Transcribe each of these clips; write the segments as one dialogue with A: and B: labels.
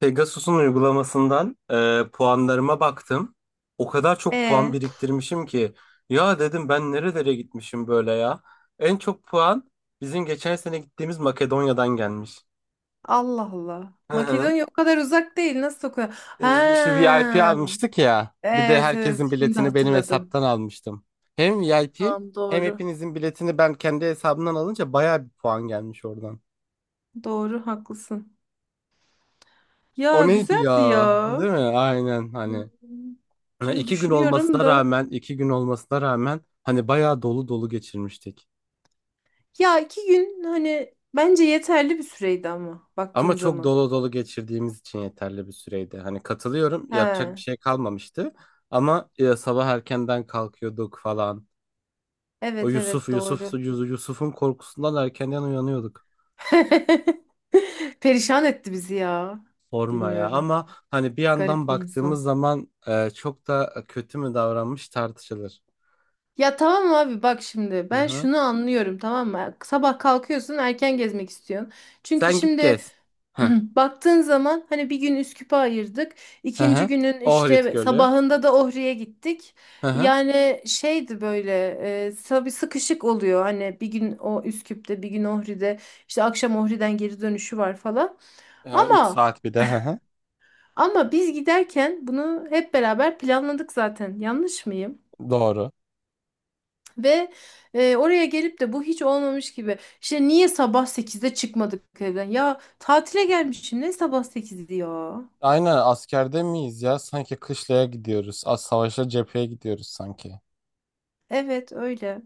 A: Pegasus'un uygulamasından puanlarıma baktım. O kadar çok puan
B: E
A: biriktirmişim ki ya dedim ben nerelere gitmişim böyle ya. En çok puan bizim geçen sene gittiğimiz Makedonya'dan gelmiş.
B: Allah Allah.
A: Hı hı.
B: Makedonya o kadar uzak değil. Nasıl okuyor? Ha.
A: İşte VIP almıştık ya. Bir de
B: Evet evet
A: herkesin
B: şimdi
A: biletini benim
B: hatırladım.
A: hesaptan almıştım. Hem VIP
B: Tamam
A: hem
B: doğru.
A: hepinizin biletini ben kendi hesabımdan alınca bayağı bir puan gelmiş oradan.
B: Doğru haklısın.
A: O
B: Ya
A: neydi
B: güzeldi
A: ya?
B: ya.
A: Değil mi? Aynen
B: Hmm.
A: hani. Ha,
B: Şimdi düşünüyorum da.
A: 2 gün olmasına rağmen hani bayağı dolu dolu geçirmiştik.
B: Ya 2 gün hani bence yeterli bir süreydi ama
A: Ama
B: baktığın
A: çok
B: zaman.
A: dolu dolu geçirdiğimiz için yeterli bir süreydi. Hani katılıyorum, yapacak bir
B: Ha.
A: şey kalmamıştı. Ama sabah erkenden kalkıyorduk falan. O
B: Evet evet doğru.
A: Yusuf'un korkusundan erkenden uyanıyorduk.
B: Perişan etti bizi ya.
A: Sorma ya.
B: Bilmiyorum.
A: Ama hani bir yandan
B: Garip bir
A: baktığımız
B: insan.
A: zaman çok da kötü mü davranmış tartışılır.
B: Ya tamam abi bak şimdi
A: Hı
B: ben
A: hı.
B: şunu anlıyorum tamam mı? Sabah kalkıyorsun erken gezmek istiyorsun. Çünkü
A: Sen git
B: şimdi
A: gez. Hı
B: baktığın zaman hani bir gün Üsküp'e ayırdık.
A: hı.
B: İkinci
A: Hı.
B: günün
A: Ohrid
B: işte
A: Gölü.
B: sabahında da Ohri'ye gittik.
A: Hı hı.
B: Yani şeydi böyle tabii sıkışık oluyor. Hani bir gün o Üsküp'te bir gün Ohri'de işte akşam Ohri'den geri dönüşü var falan.
A: 3
B: Ama
A: saat bir de. Hı hı.
B: biz giderken bunu hep beraber planladık zaten yanlış mıyım?
A: Doğru.
B: Ve oraya gelip de bu hiç olmamış gibi. İşte niye sabah 8'de çıkmadık evden? Ya tatile gelmişim ne sabah 8'di ya.
A: Aynen askerde miyiz ya? Sanki kışlaya gidiyoruz. Az savaşa cepheye gidiyoruz sanki.
B: Evet öyle.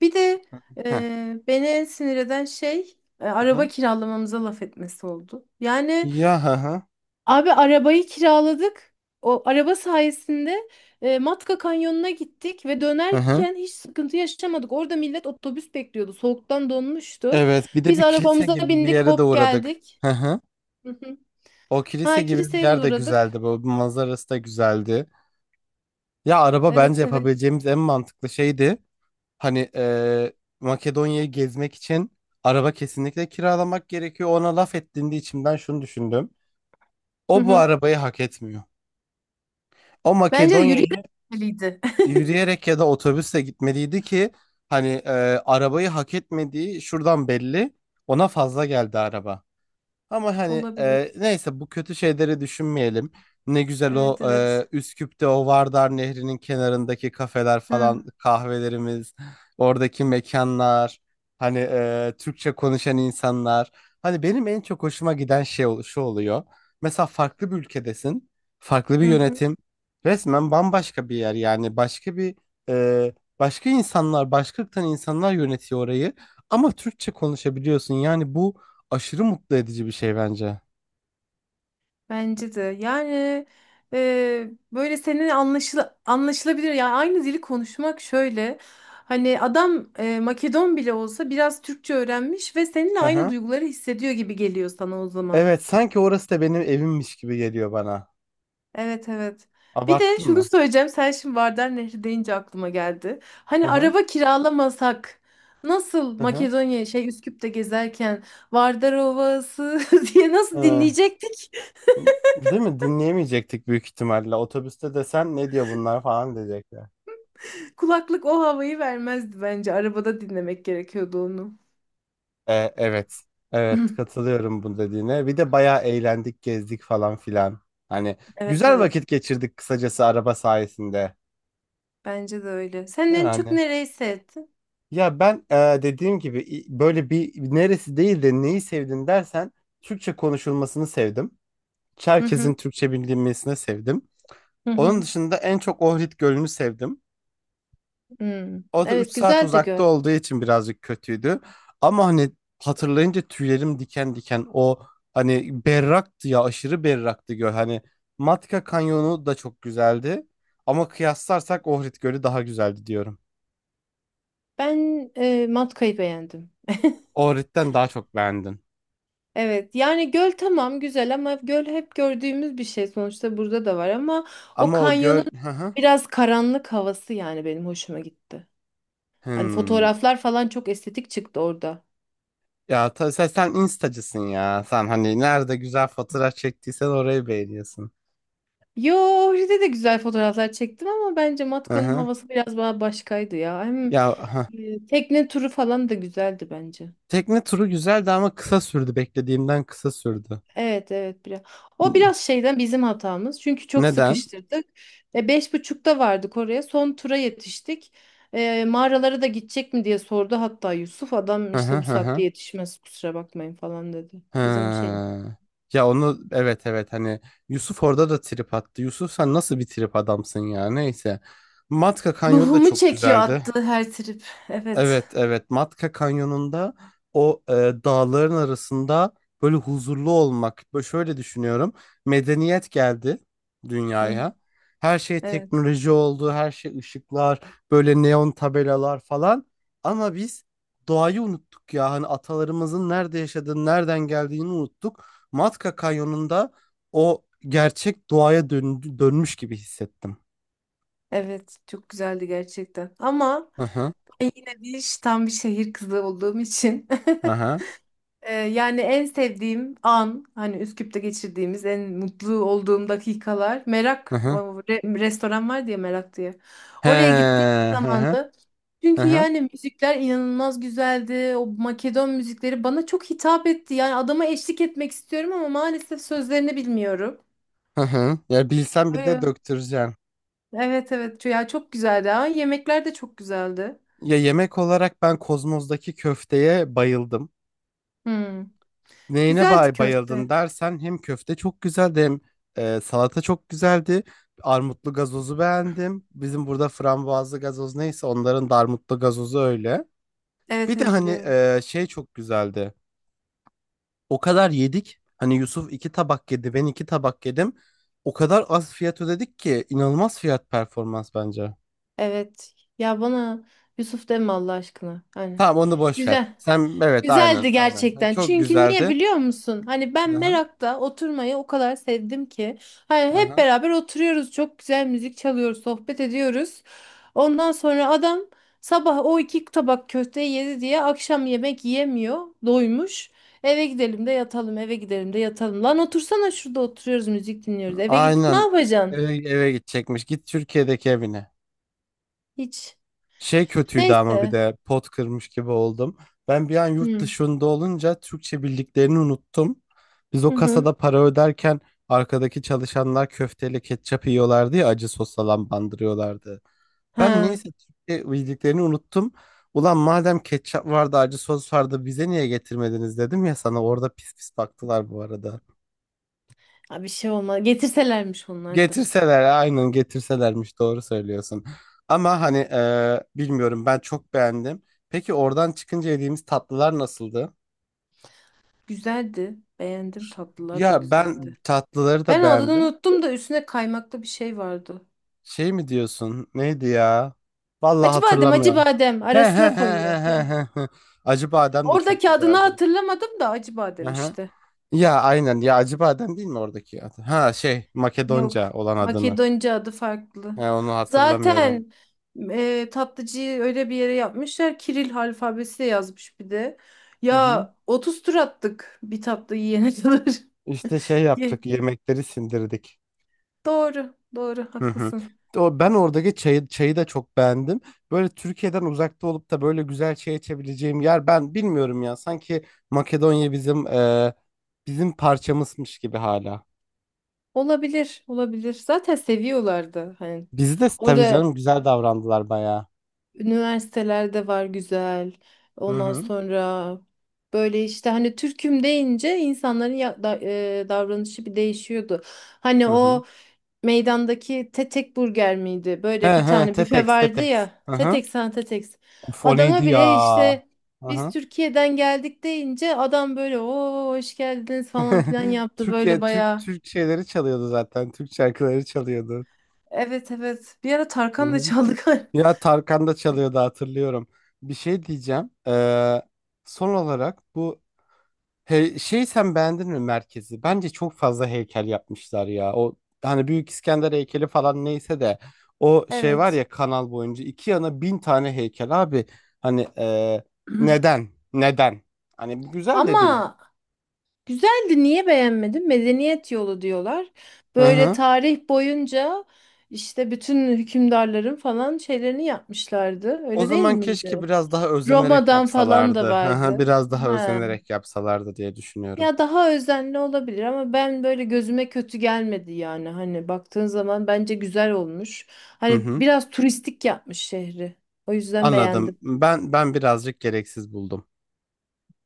B: Bir de
A: Heh,
B: beni en sinir eden şey
A: hı
B: araba
A: hı.
B: kiralamamıza laf etmesi oldu. Yani
A: Ya hı hı.
B: abi arabayı kiraladık. O araba sayesinde Matka Kanyonu'na gittik ve
A: Hı hı.
B: dönerken hiç sıkıntı yaşamadık. Orada millet otobüs bekliyordu. Soğuktan donmuştu.
A: Evet, bir de
B: Biz
A: bir kilise
B: arabamıza
A: gibi bir
B: bindik,
A: yere de
B: hop
A: uğradık.
B: geldik.
A: Hı hı. O kilise
B: Ha
A: gibi bir
B: kiliseye de
A: yer de
B: uğradık.
A: güzeldi. Bu manzarası da güzeldi. Ya araba bence
B: Evet evet.
A: yapabileceğimiz en mantıklı şeydi. Hani Makedonya'yı gezmek için araba kesinlikle kiralamak gerekiyor. Ona laf ettiğinde içimden şunu düşündüm.
B: Hı
A: O bu
B: hı.
A: arabayı hak etmiyor. O
B: Bence de yürüyerek
A: Makedonya
B: gitmeliydi.
A: yürüyerek ya da otobüsle gitmeliydi ki hani arabayı hak etmediği şuradan belli. Ona fazla geldi araba. Ama hani
B: Olabilir.
A: neyse bu kötü şeyleri düşünmeyelim. Ne güzel o
B: Evet evet.
A: Üsküp'te o Vardar Nehri'nin kenarındaki kafeler falan
B: Ha.
A: kahvelerimiz, oradaki mekanlar, hani Türkçe konuşan insanlar. Hani benim en çok hoşuma giden şey şu oluyor. Mesela farklı bir ülkedesin, farklı bir
B: Hı hı.
A: yönetim, resmen bambaşka bir yer yani e, başka insanlar, başka ırktan insanlar yönetiyor orayı ama Türkçe konuşabiliyorsun. Yani bu aşırı mutlu edici bir şey bence.
B: Bence de. Yani böyle senin anlaşılabilir. Yani aynı dili konuşmak şöyle. Hani adam Makedon bile olsa biraz Türkçe öğrenmiş ve seninle
A: Hı
B: aynı
A: hı.
B: duyguları hissediyor gibi geliyor sana o zaman.
A: Evet, sanki orası da benim evimmiş gibi geliyor bana.
B: Evet evet. Bir de
A: Abarttım
B: şunu
A: mı?
B: söyleyeceğim. Sen şimdi Vardar Nehri deyince aklıma geldi.
A: Hı
B: Hani
A: hı.
B: araba kiralamasak nasıl
A: Hı hı.
B: Makedonya şey Üsküp'te gezerken Vardar Ovası diye nasıl
A: Hı.
B: dinleyecektik?
A: Değil mi? Dinleyemeyecektik büyük ihtimalle. Otobüste desen ne diyor bunlar falan diyecekler.
B: Kulaklık o havayı vermezdi bence. Arabada dinlemek gerekiyordu onu.
A: Evet. Evet, katılıyorum bu dediğine. Bir de bayağı eğlendik, gezdik falan filan. Hani
B: Evet
A: güzel
B: evet.
A: vakit geçirdik kısacası araba sayesinde.
B: Bence de öyle. Sen
A: Değil
B: en çok
A: anne?
B: nereyi sevdin?
A: Ya ben dediğim gibi böyle bir neresi değil de neyi sevdin dersen Türkçe konuşulmasını sevdim.
B: Hı
A: Çerkez'in
B: hı.
A: Türkçe bildirilmesine sevdim.
B: Hı
A: Onun
B: hı.
A: dışında en çok Ohrid Gölü'nü sevdim.
B: Hmm.
A: O da 3
B: Evet
A: saat
B: güzel de
A: uzakta
B: göl.
A: olduğu için birazcık kötüydü. Ama hani hatırlayınca tüylerim diken diken o hani berraktı ya aşırı berraktı göl. Hani Matka Kanyonu da çok güzeldi. Ama kıyaslarsak Ohrid Gölü daha güzeldi diyorum.
B: Ben Matka'yı beğendim.
A: Ohrid'den daha çok beğendim.
B: Evet yani göl tamam güzel ama göl hep gördüğümüz bir şey sonuçta burada da var ama o
A: Ama o
B: kanyonun
A: göl... Hı hı.
B: biraz karanlık havası yani benim hoşuma gitti. Hani
A: Hmm.
B: fotoğraflar falan çok estetik çıktı orada.
A: Ya sen instacısın ya. Sen hani nerede güzel fotoğraf çektiysen orayı beğeniyorsun.
B: Yo orada de güzel fotoğraflar çektim ama bence
A: Hı
B: Matka'nın
A: hı.
B: havası biraz daha başkaydı ya. Hem
A: Ya ha.
B: tekne turu falan da güzeldi bence.
A: Tekne turu güzeldi ama kısa sürdü. Beklediğimden kısa sürdü.
B: Evet evet biraz. O
A: N-
B: biraz şeyden bizim hatamız. Çünkü çok
A: Neden?
B: sıkıştırdık. 5.30'da vardık oraya. Son tura yetiştik. Mağaralara da gidecek mi diye sordu hatta Yusuf. Adam
A: Hı hı
B: işte bu
A: hı hı.
B: saatte yetişmez kusura bakmayın falan dedi. Bizim şey.
A: Ha. Ya onu evet evet hani Yusuf orada da trip attı. Yusuf sen nasıl bir trip adamsın ya neyse. Matka Kanyon da
B: Ruhumu
A: çok
B: çekiyor
A: güzeldi.
B: attı her trip. Evet.
A: Evet evet Matka Kanyonu'nda o dağların arasında böyle huzurlu olmak. Böyle şöyle düşünüyorum. Medeniyet geldi
B: Hı.
A: dünyaya. Her şey
B: Evet.
A: teknoloji oldu, her şey ışıklar, böyle neon tabelalar falan. Ama biz doğayı unuttuk ya. Hani atalarımızın nerede yaşadığını, nereden geldiğini unuttuk. Matka Kanyonu'nda o gerçek doğaya dönmüş gibi hissettim.
B: Evet. Çok güzeldi gerçekten. Ama
A: Hı hı.
B: ben yine bir tam bir şehir kızı olduğum için
A: Hı hı.
B: Yani en sevdiğim an hani Üsküp'te geçirdiğimiz en mutlu olduğum dakikalar
A: Hı
B: Merak o
A: hı.
B: restoran var diye Merak diye.
A: He,
B: Oraya gittiğim
A: hı hı.
B: zamanda
A: Hı
B: çünkü
A: hı.
B: yani müzikler inanılmaz güzeldi. O Makedon müzikleri bana çok hitap etti. Yani adama eşlik etmek istiyorum ama maalesef sözlerini bilmiyorum.
A: Hı hı. Ya bilsem bir de
B: Öyle.
A: döktüreceğim.
B: Evet evet ya çok güzeldi. Ha, yemekler de çok güzeldi.
A: Ya yemek olarak ben Kozmos'daki köfteye bayıldım.
B: Hmm.
A: Neyine
B: Güzeldi
A: bayıldın
B: köfte.
A: dersen hem köfte çok güzeldi hem salata çok güzeldi. Armutlu gazozu beğendim. Bizim burada frambuazlı gazoz neyse onların da armutlu gazozu öyle.
B: Evet
A: Bir de
B: evet
A: hani
B: biliyorum.
A: şey çok güzeldi. O kadar yedik. Hani Yusuf iki tabak yedi, ben iki tabak yedim. O kadar az fiyat ödedik ki inanılmaz fiyat performans bence.
B: Evet. Ya bana Yusuf deme Allah aşkına. Hani
A: Tamam onu boş ver.
B: güzel.
A: Sen evet aynen
B: Güzeldi
A: aynen. Ha,
B: gerçekten.
A: çok
B: Çünkü niye
A: güzeldi.
B: biliyor musun? Hani ben
A: Aha,
B: merakta oturmayı o kadar sevdim ki. Hani hep
A: aha.
B: beraber oturuyoruz. Çok güzel müzik çalıyoruz, sohbet ediyoruz. Ondan sonra adam sabah o 2 tabak köfteyi yedi diye akşam yemek yiyemiyor. Doymuş. Eve gidelim de yatalım, eve gidelim de yatalım. Lan otursana şurada oturuyoruz, müzik dinliyoruz. Eve gidip ne
A: Aynen
B: yapacaksın?
A: eve gidecekmiş. Git Türkiye'deki evine.
B: Hiç.
A: Şey kötüydü ama bir
B: Neyse.
A: de pot kırmış gibi oldum. Ben bir an yurt
B: Hı.
A: dışında olunca Türkçe bildiklerini unuttum. Biz
B: Hı
A: o
B: hı.
A: kasada para öderken arkadaki çalışanlar köfteyle ketçap yiyorlardı ya acı sos falan bandırıyorlardı. Ben
B: Ha,
A: niyeyse Türkiye bildiklerini unuttum. Ulan madem ketçap vardı, acı sos vardı bize niye getirmediniz dedim ya sana orada pis pis baktılar bu arada.
B: ha, bir şey olmaz. Getirselermiş onlar da.
A: Getirseler aynen getirselermiş doğru söylüyorsun. Ama hani bilmiyorum ben çok beğendim. Peki oradan çıkınca yediğimiz tatlılar nasıldı?
B: Güzeldi. Beğendim. Tatlılar da
A: Ya ben
B: güzeldi.
A: tatlıları da
B: Ben adını
A: beğendim.
B: unuttum da üstüne kaymaklı bir şey vardı.
A: Şey mi diyorsun? Neydi ya? Vallahi
B: Acı badem, acı
A: hatırlamıyorum.
B: badem
A: He he
B: arasına
A: he
B: koyuyor.
A: he
B: Hı.
A: he he. Acı badem de çok
B: Oradaki adını
A: güzeldi.
B: hatırlamadım da acı
A: Hı
B: badem
A: hı.
B: işte.
A: Ya aynen ya Acıbadem değil mi oradaki adı? Ha şey Makedonca
B: Yok.
A: olan adını.
B: Makedonca adı farklı.
A: He, onu hatırlamıyorum.
B: Zaten tatlıcıyı öyle bir yere yapmışlar. Kiril alfabesi yazmış bir de.
A: Hı hı.
B: Ya 30 tur attık bir tatlı yiyene kadar.
A: İşte şey yaptık yemekleri sindirdik.
B: Doğru, doğru,
A: Hı hı.
B: haklısın.
A: O, ben oradaki çayı da çok beğendim. Böyle Türkiye'den uzakta olup da böyle güzel çay içebileceğim yer ben bilmiyorum ya. Sanki Makedonya bizim parçamızmış gibi hala.
B: Olabilir, olabilir. Zaten seviyorlardı. Hani
A: Bizi de tabii
B: orada
A: canım güzel davrandılar bayağı.
B: üniversitelerde var güzel.
A: Hı
B: Ondan
A: hı.
B: sonra böyle işte hani Türk'üm deyince insanların davranışı bir değişiyordu. Hani
A: Hı hı.
B: o meydandaki Tetek Burger miydi?
A: He
B: Böyle bir
A: he
B: tane büfe
A: Tetex
B: vardı
A: Tetex.
B: ya.
A: Hı hı.
B: Tetek sen Tetek.
A: Of o neydi
B: Adama
A: ya?
B: bile işte
A: Hı
B: biz
A: hı.
B: Türkiye'den geldik deyince adam böyle o hoş geldiniz falan filan yaptı böyle
A: Türkiye Türk
B: bayağı.
A: Türk şeyleri çalıyordu zaten. Türk şarkıları çalıyordu.
B: Evet evet. Bir ara
A: Hı
B: Tarkan da
A: hı.
B: çaldı galiba.
A: Ya Tarkan da çalıyordu hatırlıyorum. Bir şey diyeceğim. Son olarak bu he, şey sen beğendin mi merkezi? Bence çok fazla heykel yapmışlar ya. O hani Büyük İskender heykeli falan neyse de o şey var
B: Evet.
A: ya kanal boyunca iki yana 1000 tane heykel abi. Hani neden? Neden? Hani bu güzel de değil.
B: Ama güzeldi. Niye beğenmedin? Medeniyet yolu diyorlar.
A: Hı
B: Böyle
A: hı.
B: tarih boyunca işte bütün hükümdarların falan şeylerini yapmışlardı.
A: O
B: Öyle değil
A: zaman keşke
B: miydi?
A: biraz daha özenerek
B: Roma'dan falan da
A: yapsalardı. Hı hı,
B: vardı.
A: biraz daha
B: He.
A: özenerek yapsalardı diye düşünüyorum.
B: Ya daha özenli olabilir ama ben böyle gözüme kötü gelmedi yani. Hani baktığın zaman bence güzel olmuş.
A: Hı
B: Hani
A: hı.
B: biraz turistik yapmış şehri. O yüzden
A: Anladım.
B: beğendim.
A: Ben birazcık gereksiz buldum.